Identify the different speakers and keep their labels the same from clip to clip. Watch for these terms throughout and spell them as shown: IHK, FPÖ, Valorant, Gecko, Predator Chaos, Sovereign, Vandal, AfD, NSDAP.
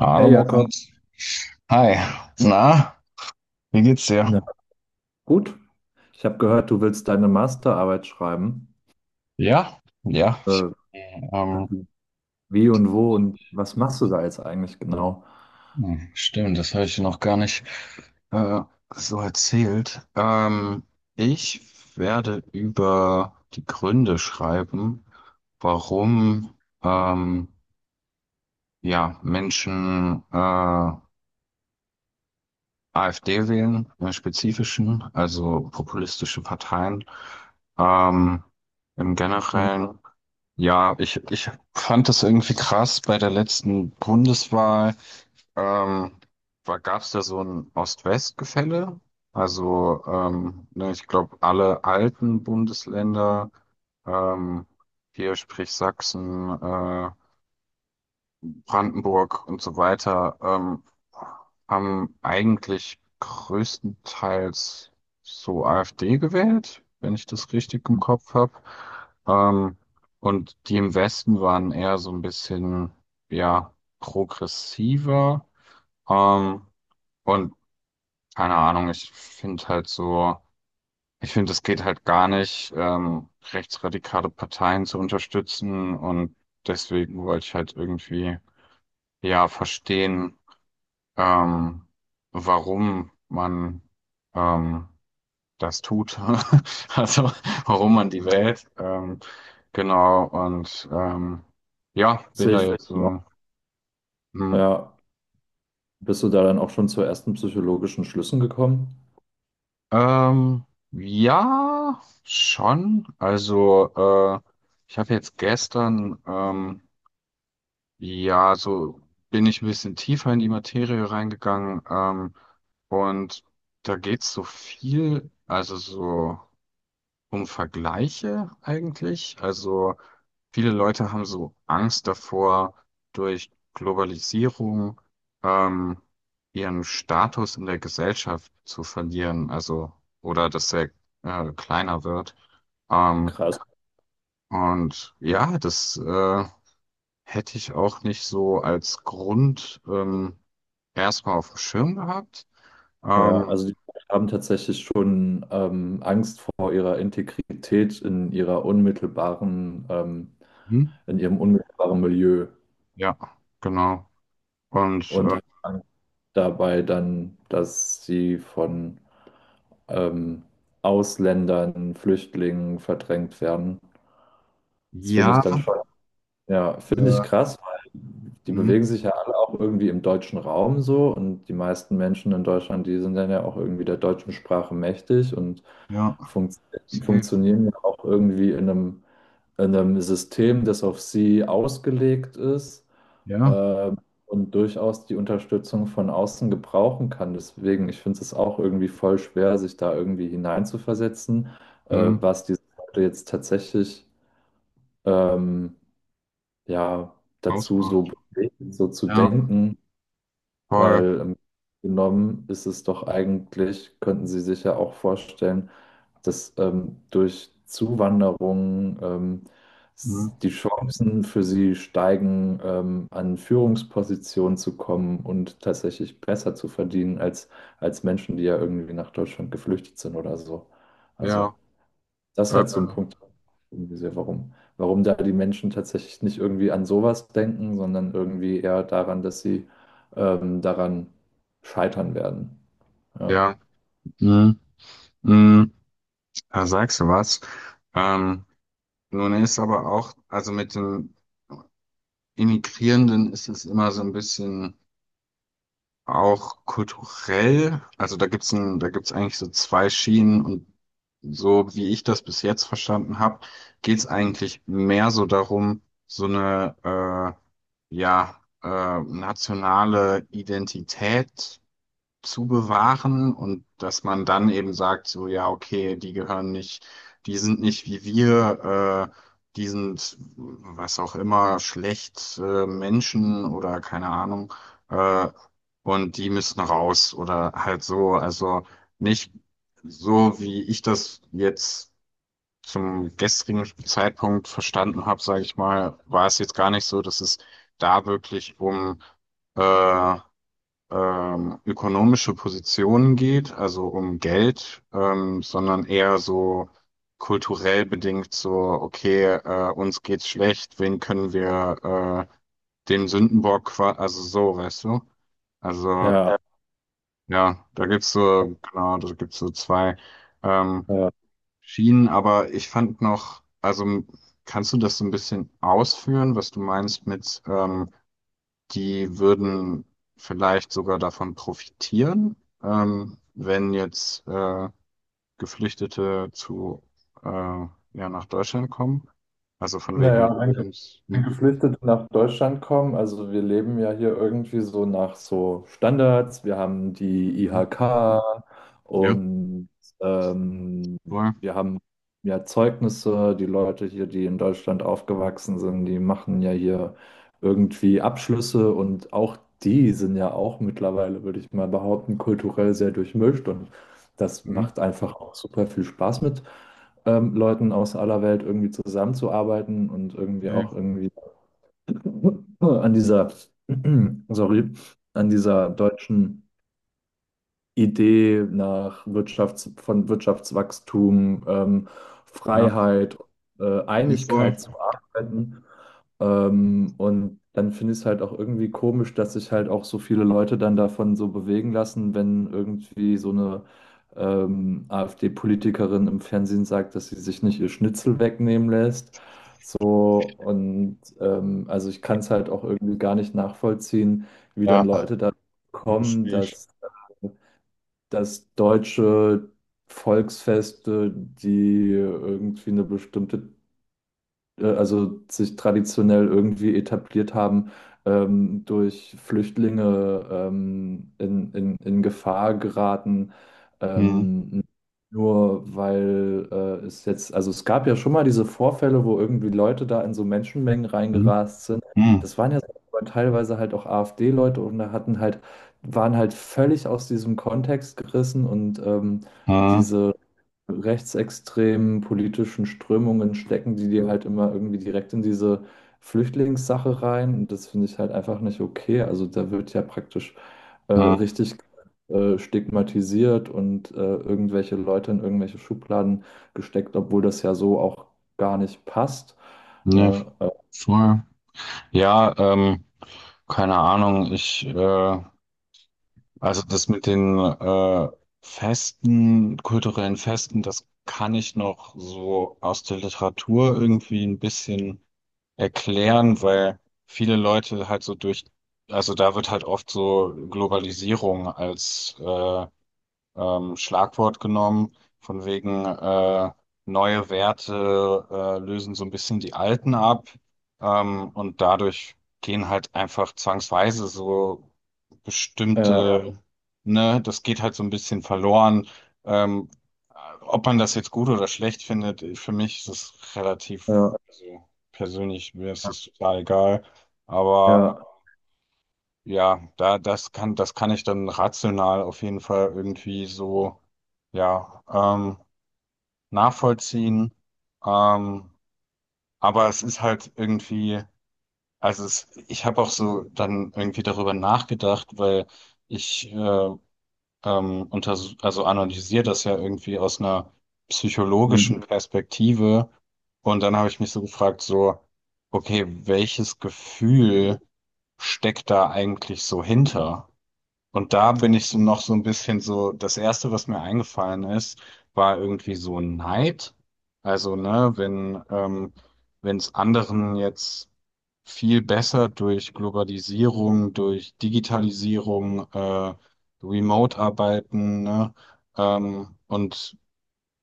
Speaker 1: Hallo,
Speaker 2: Hey Jakob,
Speaker 1: Moritz. Hi. Na, wie geht's
Speaker 2: na
Speaker 1: dir?
Speaker 2: gut. Ich habe gehört, du willst deine Masterarbeit schreiben.
Speaker 1: Ja, ja. Ich,
Speaker 2: Äh,
Speaker 1: ähm,
Speaker 2: Wie und wo und was machst du da jetzt eigentlich genau?
Speaker 1: hm, stimmt, das habe ich dir noch gar nicht äh, so erzählt. Ich werde über die Gründe schreiben, warum ähm, ja, Menschen AfD wählen, im Spezifischen, also populistische Parteien. Ähm, im
Speaker 2: Hm.
Speaker 1: Generellen. Ja, ich fand das irgendwie krass bei der letzten Bundeswahl. Ähm, gab es da so ein Ost-West-Gefälle? Also, ne, ich glaube, alle alten Bundesländer, ähm, hier sprich Sachsen, Brandenburg und so weiter, haben eigentlich größtenteils so AfD gewählt, wenn ich das richtig im Kopf habe. Ähm, und die im Westen waren eher so ein bisschen, ja, progressiver. Ähm, und keine Ahnung, ich finde halt so, ich finde, es geht halt gar nicht, rechtsradikale Parteien zu unterstützen. Und deswegen wollte ich halt irgendwie, ja, verstehen, ähm, warum man ähm, das tut, also warum man die wählt. Genau, und ja, bin
Speaker 2: Sehe
Speaker 1: da
Speaker 2: ich
Speaker 1: jetzt
Speaker 2: genau.
Speaker 1: so. Hm.
Speaker 2: Ja, bist du da dann auch schon zu ersten psychologischen Schlüssen gekommen?
Speaker 1: Ähm, ja, schon. Also, ich habe jetzt gestern, ja, so bin ich ein bisschen tiefer in die Materie reingegangen, und da geht's so viel, also so um Vergleiche eigentlich. Also viele Leute haben so Angst davor, durch Globalisierung ähm, ihren Status in der Gesellschaft zu verlieren, also oder dass er kleiner wird. Ähm,
Speaker 2: Krass.
Speaker 1: und ja, das hätte ich auch nicht so als Grund erstmal auf dem Schirm gehabt.
Speaker 2: Ja,
Speaker 1: Ähm,
Speaker 2: also die haben tatsächlich schon Angst vor ihrer Integrität in ihrer
Speaker 1: hm,
Speaker 2: in ihrem unmittelbaren Milieu
Speaker 1: ja, genau. Und
Speaker 2: und haben Angst dabei dann, dass sie von ähm, Ausländern, Flüchtlingen verdrängt werden. Das finde ich
Speaker 1: ja,
Speaker 2: dann schon, ja, finde ich
Speaker 1: äh,
Speaker 2: krass, weil die
Speaker 1: hm,
Speaker 2: bewegen sich ja alle auch irgendwie im deutschen Raum so, und die meisten Menschen in Deutschland, die sind dann ja auch irgendwie der deutschen Sprache mächtig und
Speaker 1: ja.
Speaker 2: funkt
Speaker 1: Safe.
Speaker 2: funktionieren ja auch irgendwie in einem System, das auf sie ausgelegt ist
Speaker 1: Ja.
Speaker 2: äh, und durchaus die Unterstützung von außen gebrauchen kann. Deswegen, ich finde es auch irgendwie voll schwer, sich da irgendwie hineinzuversetzen,
Speaker 1: Mhm.
Speaker 2: was diese Leute jetzt tatsächlich ähm, ja, dazu so
Speaker 1: Hausmacht.
Speaker 2: bewegt, so zu
Speaker 1: Ja.
Speaker 2: denken.
Speaker 1: Voll.
Speaker 2: Weil genommen ist es doch eigentlich, könnten Sie sich ja auch vorstellen, dass durch Zuwanderung
Speaker 1: Mhm.
Speaker 2: die Chancen für Sie steigen, an Führungspositionen zu kommen und tatsächlich besser zu verdienen als, als Menschen, die ja irgendwie nach Deutschland geflüchtet sind oder so. Also
Speaker 1: Ja.
Speaker 2: das ist
Speaker 1: Äh,
Speaker 2: halt so ein Punkt, irgendwie sehr, warum da die Menschen tatsächlich nicht irgendwie an sowas denken, sondern irgendwie eher daran, dass sie daran scheitern werden. Ja,
Speaker 1: ja. Mhm. Mhm. Da sagst du was. Ähm, nun ist aber auch, also mit den Immigrierenden ist es immer so ein bisschen auch kulturell. Also da gibt's eigentlich so zwei Schienen und so wie ich das bis jetzt verstanden habe, geht's eigentlich mehr so darum, so eine ja, nationale Identität zu bewahren und dass man dann eben sagt, so ja, okay, die gehören nicht, die sind nicht wie wir, die sind was auch immer, schlecht, Menschen oder keine Ahnung, äh, und die müssen raus oder halt so, also nicht so, wie ich das jetzt zum gestrigen Zeitpunkt verstanden habe, sage ich mal, war es jetzt gar nicht so, dass es da wirklich um äh, ökonomische Positionen geht, also um Geld, sondern eher so kulturell bedingt so, okay, uns geht's schlecht, wen können wir dem Sündenbock, also so, weißt du? Also
Speaker 2: ja,
Speaker 1: ja, da gibt's so, genau, da gibt's so zwei. Ähm,
Speaker 2: ja.
Speaker 1: Schienen, aber ich fand noch, kannst du das so ein bisschen ausführen, was du meinst mit, die würden vielleicht sogar davon profitieren, wenn jetzt Geflüchtete ja, nach Deutschland kommen? Also von wegen.
Speaker 2: Naja, Geflüchtete nach Deutschland kommen. Also wir leben ja hier irgendwie so nach so Standards. Wir haben die
Speaker 1: Mhm.
Speaker 2: IHK
Speaker 1: Ja,
Speaker 2: und ähm,
Speaker 1: voll.
Speaker 2: wir haben ja Zeugnisse. Die Leute hier, die in Deutschland aufgewachsen sind, die machen ja hier irgendwie Abschlüsse, und auch die sind ja auch mittlerweile, würde ich mal behaupten, kulturell sehr durchmischt, und das
Speaker 1: Mhm.
Speaker 2: macht einfach auch super viel Spaß mit Leuten aus aller Welt irgendwie zusammenzuarbeiten und irgendwie
Speaker 1: Okay.
Speaker 2: auch irgendwie an dieser, sorry, an dieser deutschen Idee nach Wirtschafts von Wirtschaftswachstum,
Speaker 1: Ja,
Speaker 2: Freiheit,
Speaker 1: ja, voll.
Speaker 2: Einigkeit zu arbeiten. Und dann finde ich es halt auch irgendwie komisch, dass sich halt auch so viele Leute dann davon so bewegen lassen, wenn irgendwie so eine AfD-Politikerin im Fernsehen sagt, dass sie sich nicht ihr Schnitzel wegnehmen lässt. So, und also ich kann es halt auch irgendwie gar nicht nachvollziehen, wie dann
Speaker 1: Ja,
Speaker 2: Leute da
Speaker 1: ich,
Speaker 2: kommen,
Speaker 1: ich.
Speaker 2: dass äh, dass deutsche Volksfeste, die irgendwie eine bestimmte, also sich traditionell irgendwie etabliert haben, durch Flüchtlinge in Gefahr geraten.
Speaker 1: Mhm.
Speaker 2: Ähm, Nur weil es jetzt, also es gab ja schon mal diese Vorfälle, wo irgendwie Leute da in so Menschenmengen
Speaker 1: Mhm.
Speaker 2: reingerast sind.
Speaker 1: Mhm.
Speaker 2: Das waren ja so, aber teilweise halt auch AfD-Leute, und da hatten halt, waren halt völlig aus diesem Kontext gerissen, und
Speaker 1: Mhm.
Speaker 2: diese rechtsextremen politischen Strömungen stecken, die dir halt immer irgendwie direkt in diese Flüchtlingssache rein. Und das finde ich halt einfach nicht okay. Also da wird ja praktisch richtig stigmatisiert, und irgendwelche Leute in irgendwelche Schubladen gesteckt, obwohl das ja so auch gar nicht passt.
Speaker 1: Ja,
Speaker 2: Ne?
Speaker 1: voll. Ja, keine Ahnung. Ich, also das mit den Festen, kulturellen Festen, das kann ich noch so aus der Literatur irgendwie ein bisschen erklären, weil viele Leute halt so durch, also da wird halt oft so Globalisierung als Schlagwort genommen, von wegen neue Werte lösen so ein bisschen die alten ab, und dadurch gehen halt einfach zwangsweise so
Speaker 2: Ja,
Speaker 1: bestimmte, ne, das geht halt so ein bisschen verloren. Ähm, ob man das jetzt gut oder schlecht findet, für mich ist es relativ,
Speaker 2: ja,
Speaker 1: also persönlich mir ist es total egal, aber
Speaker 2: ja.
Speaker 1: ja, das kann ich dann rational auf jeden Fall irgendwie so, ja, nachvollziehen. Ähm, aber es ist halt irgendwie, ich habe auch so dann irgendwie darüber nachgedacht, weil ich unters also analysiere das ja irgendwie aus einer
Speaker 2: Mhm.
Speaker 1: psychologischen Perspektive. Und dann habe ich mich so gefragt, so, okay, welches Gefühl steckt da eigentlich so hinter? Und da bin ich so noch so ein bisschen so, das Erste, was mir eingefallen ist, war irgendwie so Neid. Also, ne, wenn wenn es anderen jetzt viel besser durch Globalisierung, durch Digitalisierung, Remote-Arbeiten, ne, und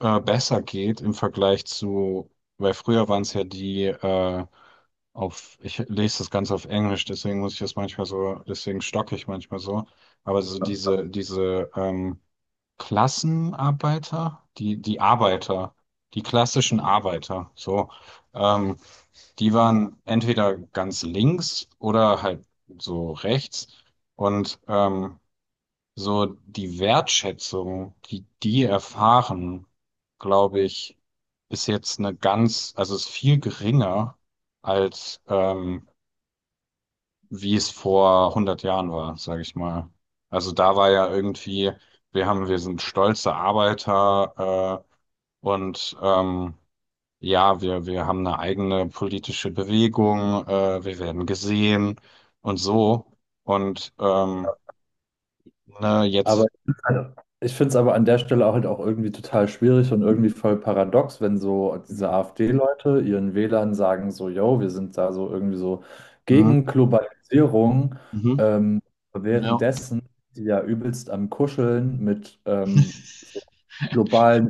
Speaker 1: besser geht im Vergleich zu, weil früher waren es ja die ich lese das Ganze auf Englisch, deswegen muss ich das manchmal so, deswegen stocke ich manchmal so. Aber so diese, Klassenarbeiter, die Arbeiter, die klassischen Arbeiter, so, ähm, die waren entweder ganz links oder halt so rechts. Und so die Wertschätzung, die die erfahren, glaube ich, ist jetzt eine ganz, also ist viel geringer als wie es vor 100 Jahren war, sage ich mal. Also da war ja irgendwie, wir sind stolze Arbeiter und ja, wir haben eine eigene politische Bewegung, wir werden gesehen und so und ne,
Speaker 2: Aber
Speaker 1: jetzt.
Speaker 2: ich finde es aber an der Stelle auch halt auch irgendwie total schwierig und irgendwie voll paradox, wenn so diese
Speaker 1: Hm.
Speaker 2: AfD-Leute ihren Wählern sagen so, yo, wir sind da so irgendwie so
Speaker 1: hm,
Speaker 2: gegen Globalisierung,
Speaker 1: Mhm.
Speaker 2: ähm,
Speaker 1: Ja.
Speaker 2: währenddessen die ja übelst am Kuscheln mit so globalen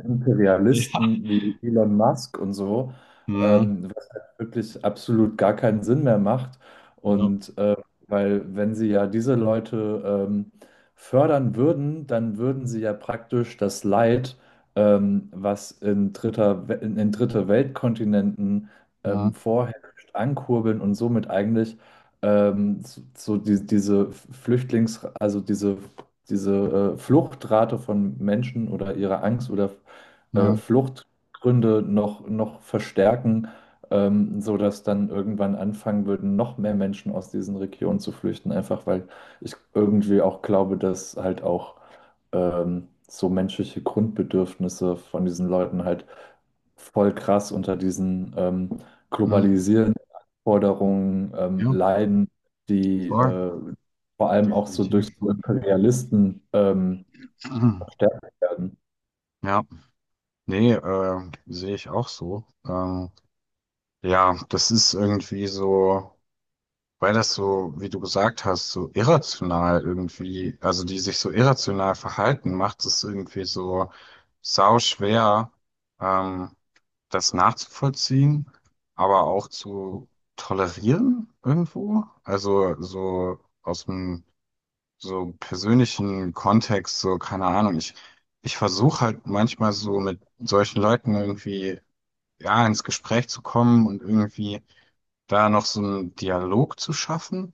Speaker 1: Ja.
Speaker 2: Imperialisten wie Elon Musk und so,
Speaker 1: Ja.
Speaker 2: was halt wirklich absolut gar keinen Sinn mehr macht.
Speaker 1: Ja.
Speaker 2: Und weil wenn sie ja diese Leute fördern würden, dann würden sie ja praktisch das Leid, was in in dritte Weltkontinenten
Speaker 1: Ja.
Speaker 2: vorherrscht, ankurbeln und somit eigentlich so, so die, also diese Fluchtrate von Menschen oder ihre Angst oder
Speaker 1: Ja.
Speaker 2: Fluchtgründe noch verstärken, sodass dann irgendwann anfangen würden, noch mehr Menschen aus diesen Regionen zu flüchten, einfach weil ich irgendwie auch glaube, dass halt auch so menschliche Grundbedürfnisse von diesen Leuten halt voll krass unter diesen
Speaker 1: Ja.
Speaker 2: globalisierenden Anforderungen
Speaker 1: Ja.
Speaker 2: leiden, die
Speaker 1: Voll.
Speaker 2: vor allem auch so
Speaker 1: Definitiv.
Speaker 2: durch so Imperialisten verstärkt werden.
Speaker 1: Ja. Nee, sehe ich auch so. Ja, das ist irgendwie so, weil das so, wie du gesagt hast, so irrational irgendwie, also die sich so irrational verhalten, macht es irgendwie so sau schwer, ähm, das nachzuvollziehen, aber auch zu tolerieren irgendwo. Also so aus dem so persönlichen Kontext, so keine Ahnung. Ich versuche halt manchmal so mit solchen Leuten irgendwie, ja, ins Gespräch zu kommen und irgendwie da noch so einen Dialog zu schaffen.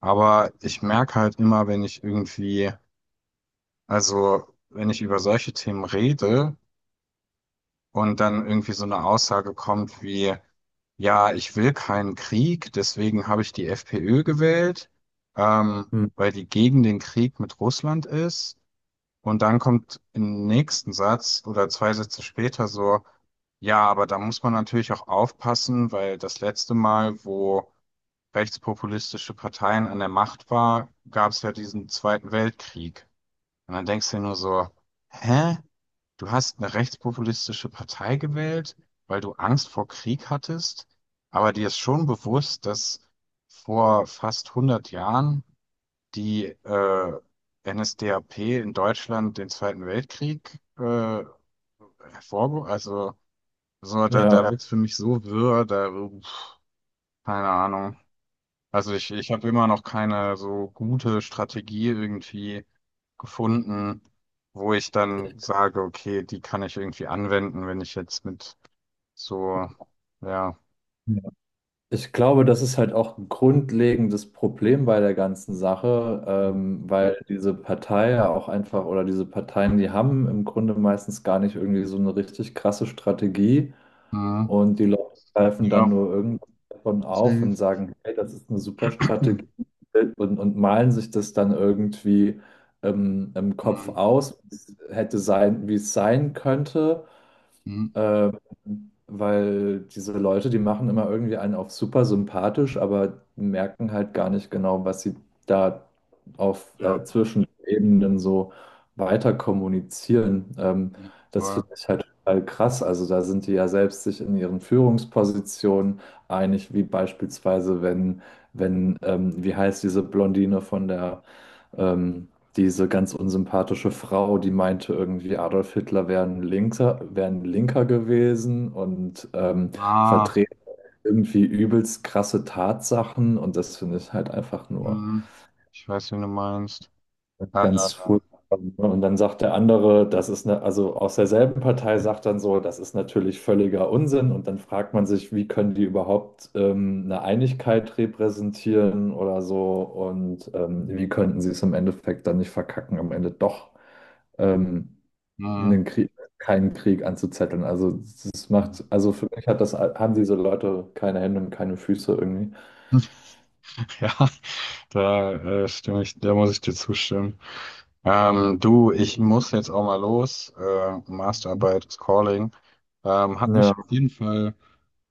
Speaker 1: Aber ich merke halt immer, wenn ich irgendwie, also wenn ich über solche Themen rede und dann irgendwie so eine Aussage kommt wie, ja, ich will keinen Krieg, deswegen habe ich die FPÖ gewählt,
Speaker 2: Hm.
Speaker 1: weil die gegen den Krieg mit Russland ist. Und dann kommt im nächsten Satz oder zwei Sätze später so, ja, aber da muss man natürlich auch aufpassen, weil das letzte Mal, wo rechtspopulistische Parteien an der Macht war, gab es ja diesen Zweiten Weltkrieg. Und dann denkst du dir nur so, hä? Du hast eine rechtspopulistische Partei gewählt, weil du Angst vor Krieg hattest, aber dir ist schon bewusst, dass vor fast hundert Jahren die NSDAP in Deutschland den Zweiten Weltkrieg Also, so, da
Speaker 2: Ja.
Speaker 1: wird's für mich so wirr, da, uff, keine Ahnung. Also ich habe immer noch keine so gute Strategie irgendwie gefunden, wo ich dann sage, okay, die kann ich irgendwie anwenden, wenn ich jetzt mit so, ja,
Speaker 2: Ja. Ich glaube, das ist halt auch ein grundlegendes Problem bei der ganzen Sache, weil diese Partei ja auch einfach, oder diese Parteien, die haben im Grunde meistens gar nicht irgendwie so eine richtig krasse Strategie.
Speaker 1: mhm.
Speaker 2: Und die Leute greifen dann
Speaker 1: ja,
Speaker 2: nur irgendwas davon auf und
Speaker 1: safe.
Speaker 2: sagen, hey, das ist eine super Strategie, und malen sich das dann irgendwie im Kopf
Speaker 1: Mhm.
Speaker 2: aus, wie es hätte sein, wie es sein könnte.
Speaker 1: Mhm.
Speaker 2: Äh, Weil diese Leute, die machen immer irgendwie einen auf super sympathisch, aber merken halt gar nicht genau, was sie da auf
Speaker 1: ja,
Speaker 2: zwischen den Ebenen so weiter kommunizieren.
Speaker 1: Ja,
Speaker 2: Das
Speaker 1: voll.
Speaker 2: finde ich halt total krass. Also da sind die ja selbst sich in ihren Führungspositionen einig, wie beispielsweise, wenn wie heißt diese Blondine von der ähm, diese ganz unsympathische Frau, die meinte irgendwie, Adolf Hitler wäre ein Linker gewesen, und
Speaker 1: Ah.
Speaker 2: vertrete irgendwie übelst krasse Tatsachen, und das finde ich halt einfach nur.
Speaker 1: Hm, ich weiß, wen du meinst. Ah,
Speaker 2: Ganz furchtbar. Ne? Und dann sagt der andere, das ist eine, also aus derselben Partei sagt dann so, das ist natürlich völliger Unsinn. Und dann fragt man sich, wie können die überhaupt eine Einigkeit repräsentieren oder so? Und wie könnten sie es im Endeffekt dann nicht verkacken, am Ende doch ähm,
Speaker 1: hm.
Speaker 2: einen Krieg, keinen Krieg anzuzetteln? Also das macht, also für mich hat das, haben diese Leute keine Hände und keine Füße irgendwie.
Speaker 1: Ja, da stimme ich, da muss ich dir zustimmen. Du, ich muss jetzt auch mal los. Masterarbeit ist calling. Hat mich
Speaker 2: Ja,
Speaker 1: auf jeden Fall,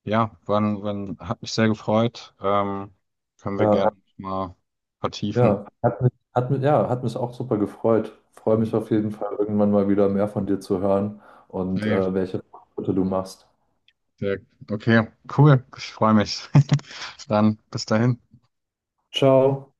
Speaker 1: ja, hat mich sehr gefreut. Können wir
Speaker 2: ja.
Speaker 1: gerne mal vertiefen.
Speaker 2: Ja, ja, hat mich auch super gefreut. Freue
Speaker 1: Hm,
Speaker 2: mich auf jeden Fall, irgendwann mal wieder mehr von dir zu hören und
Speaker 1: Safe,
Speaker 2: welche Schritte du machst.
Speaker 1: sehr, okay, cool. Ich freue mich. Dann bis dahin.
Speaker 2: Ciao.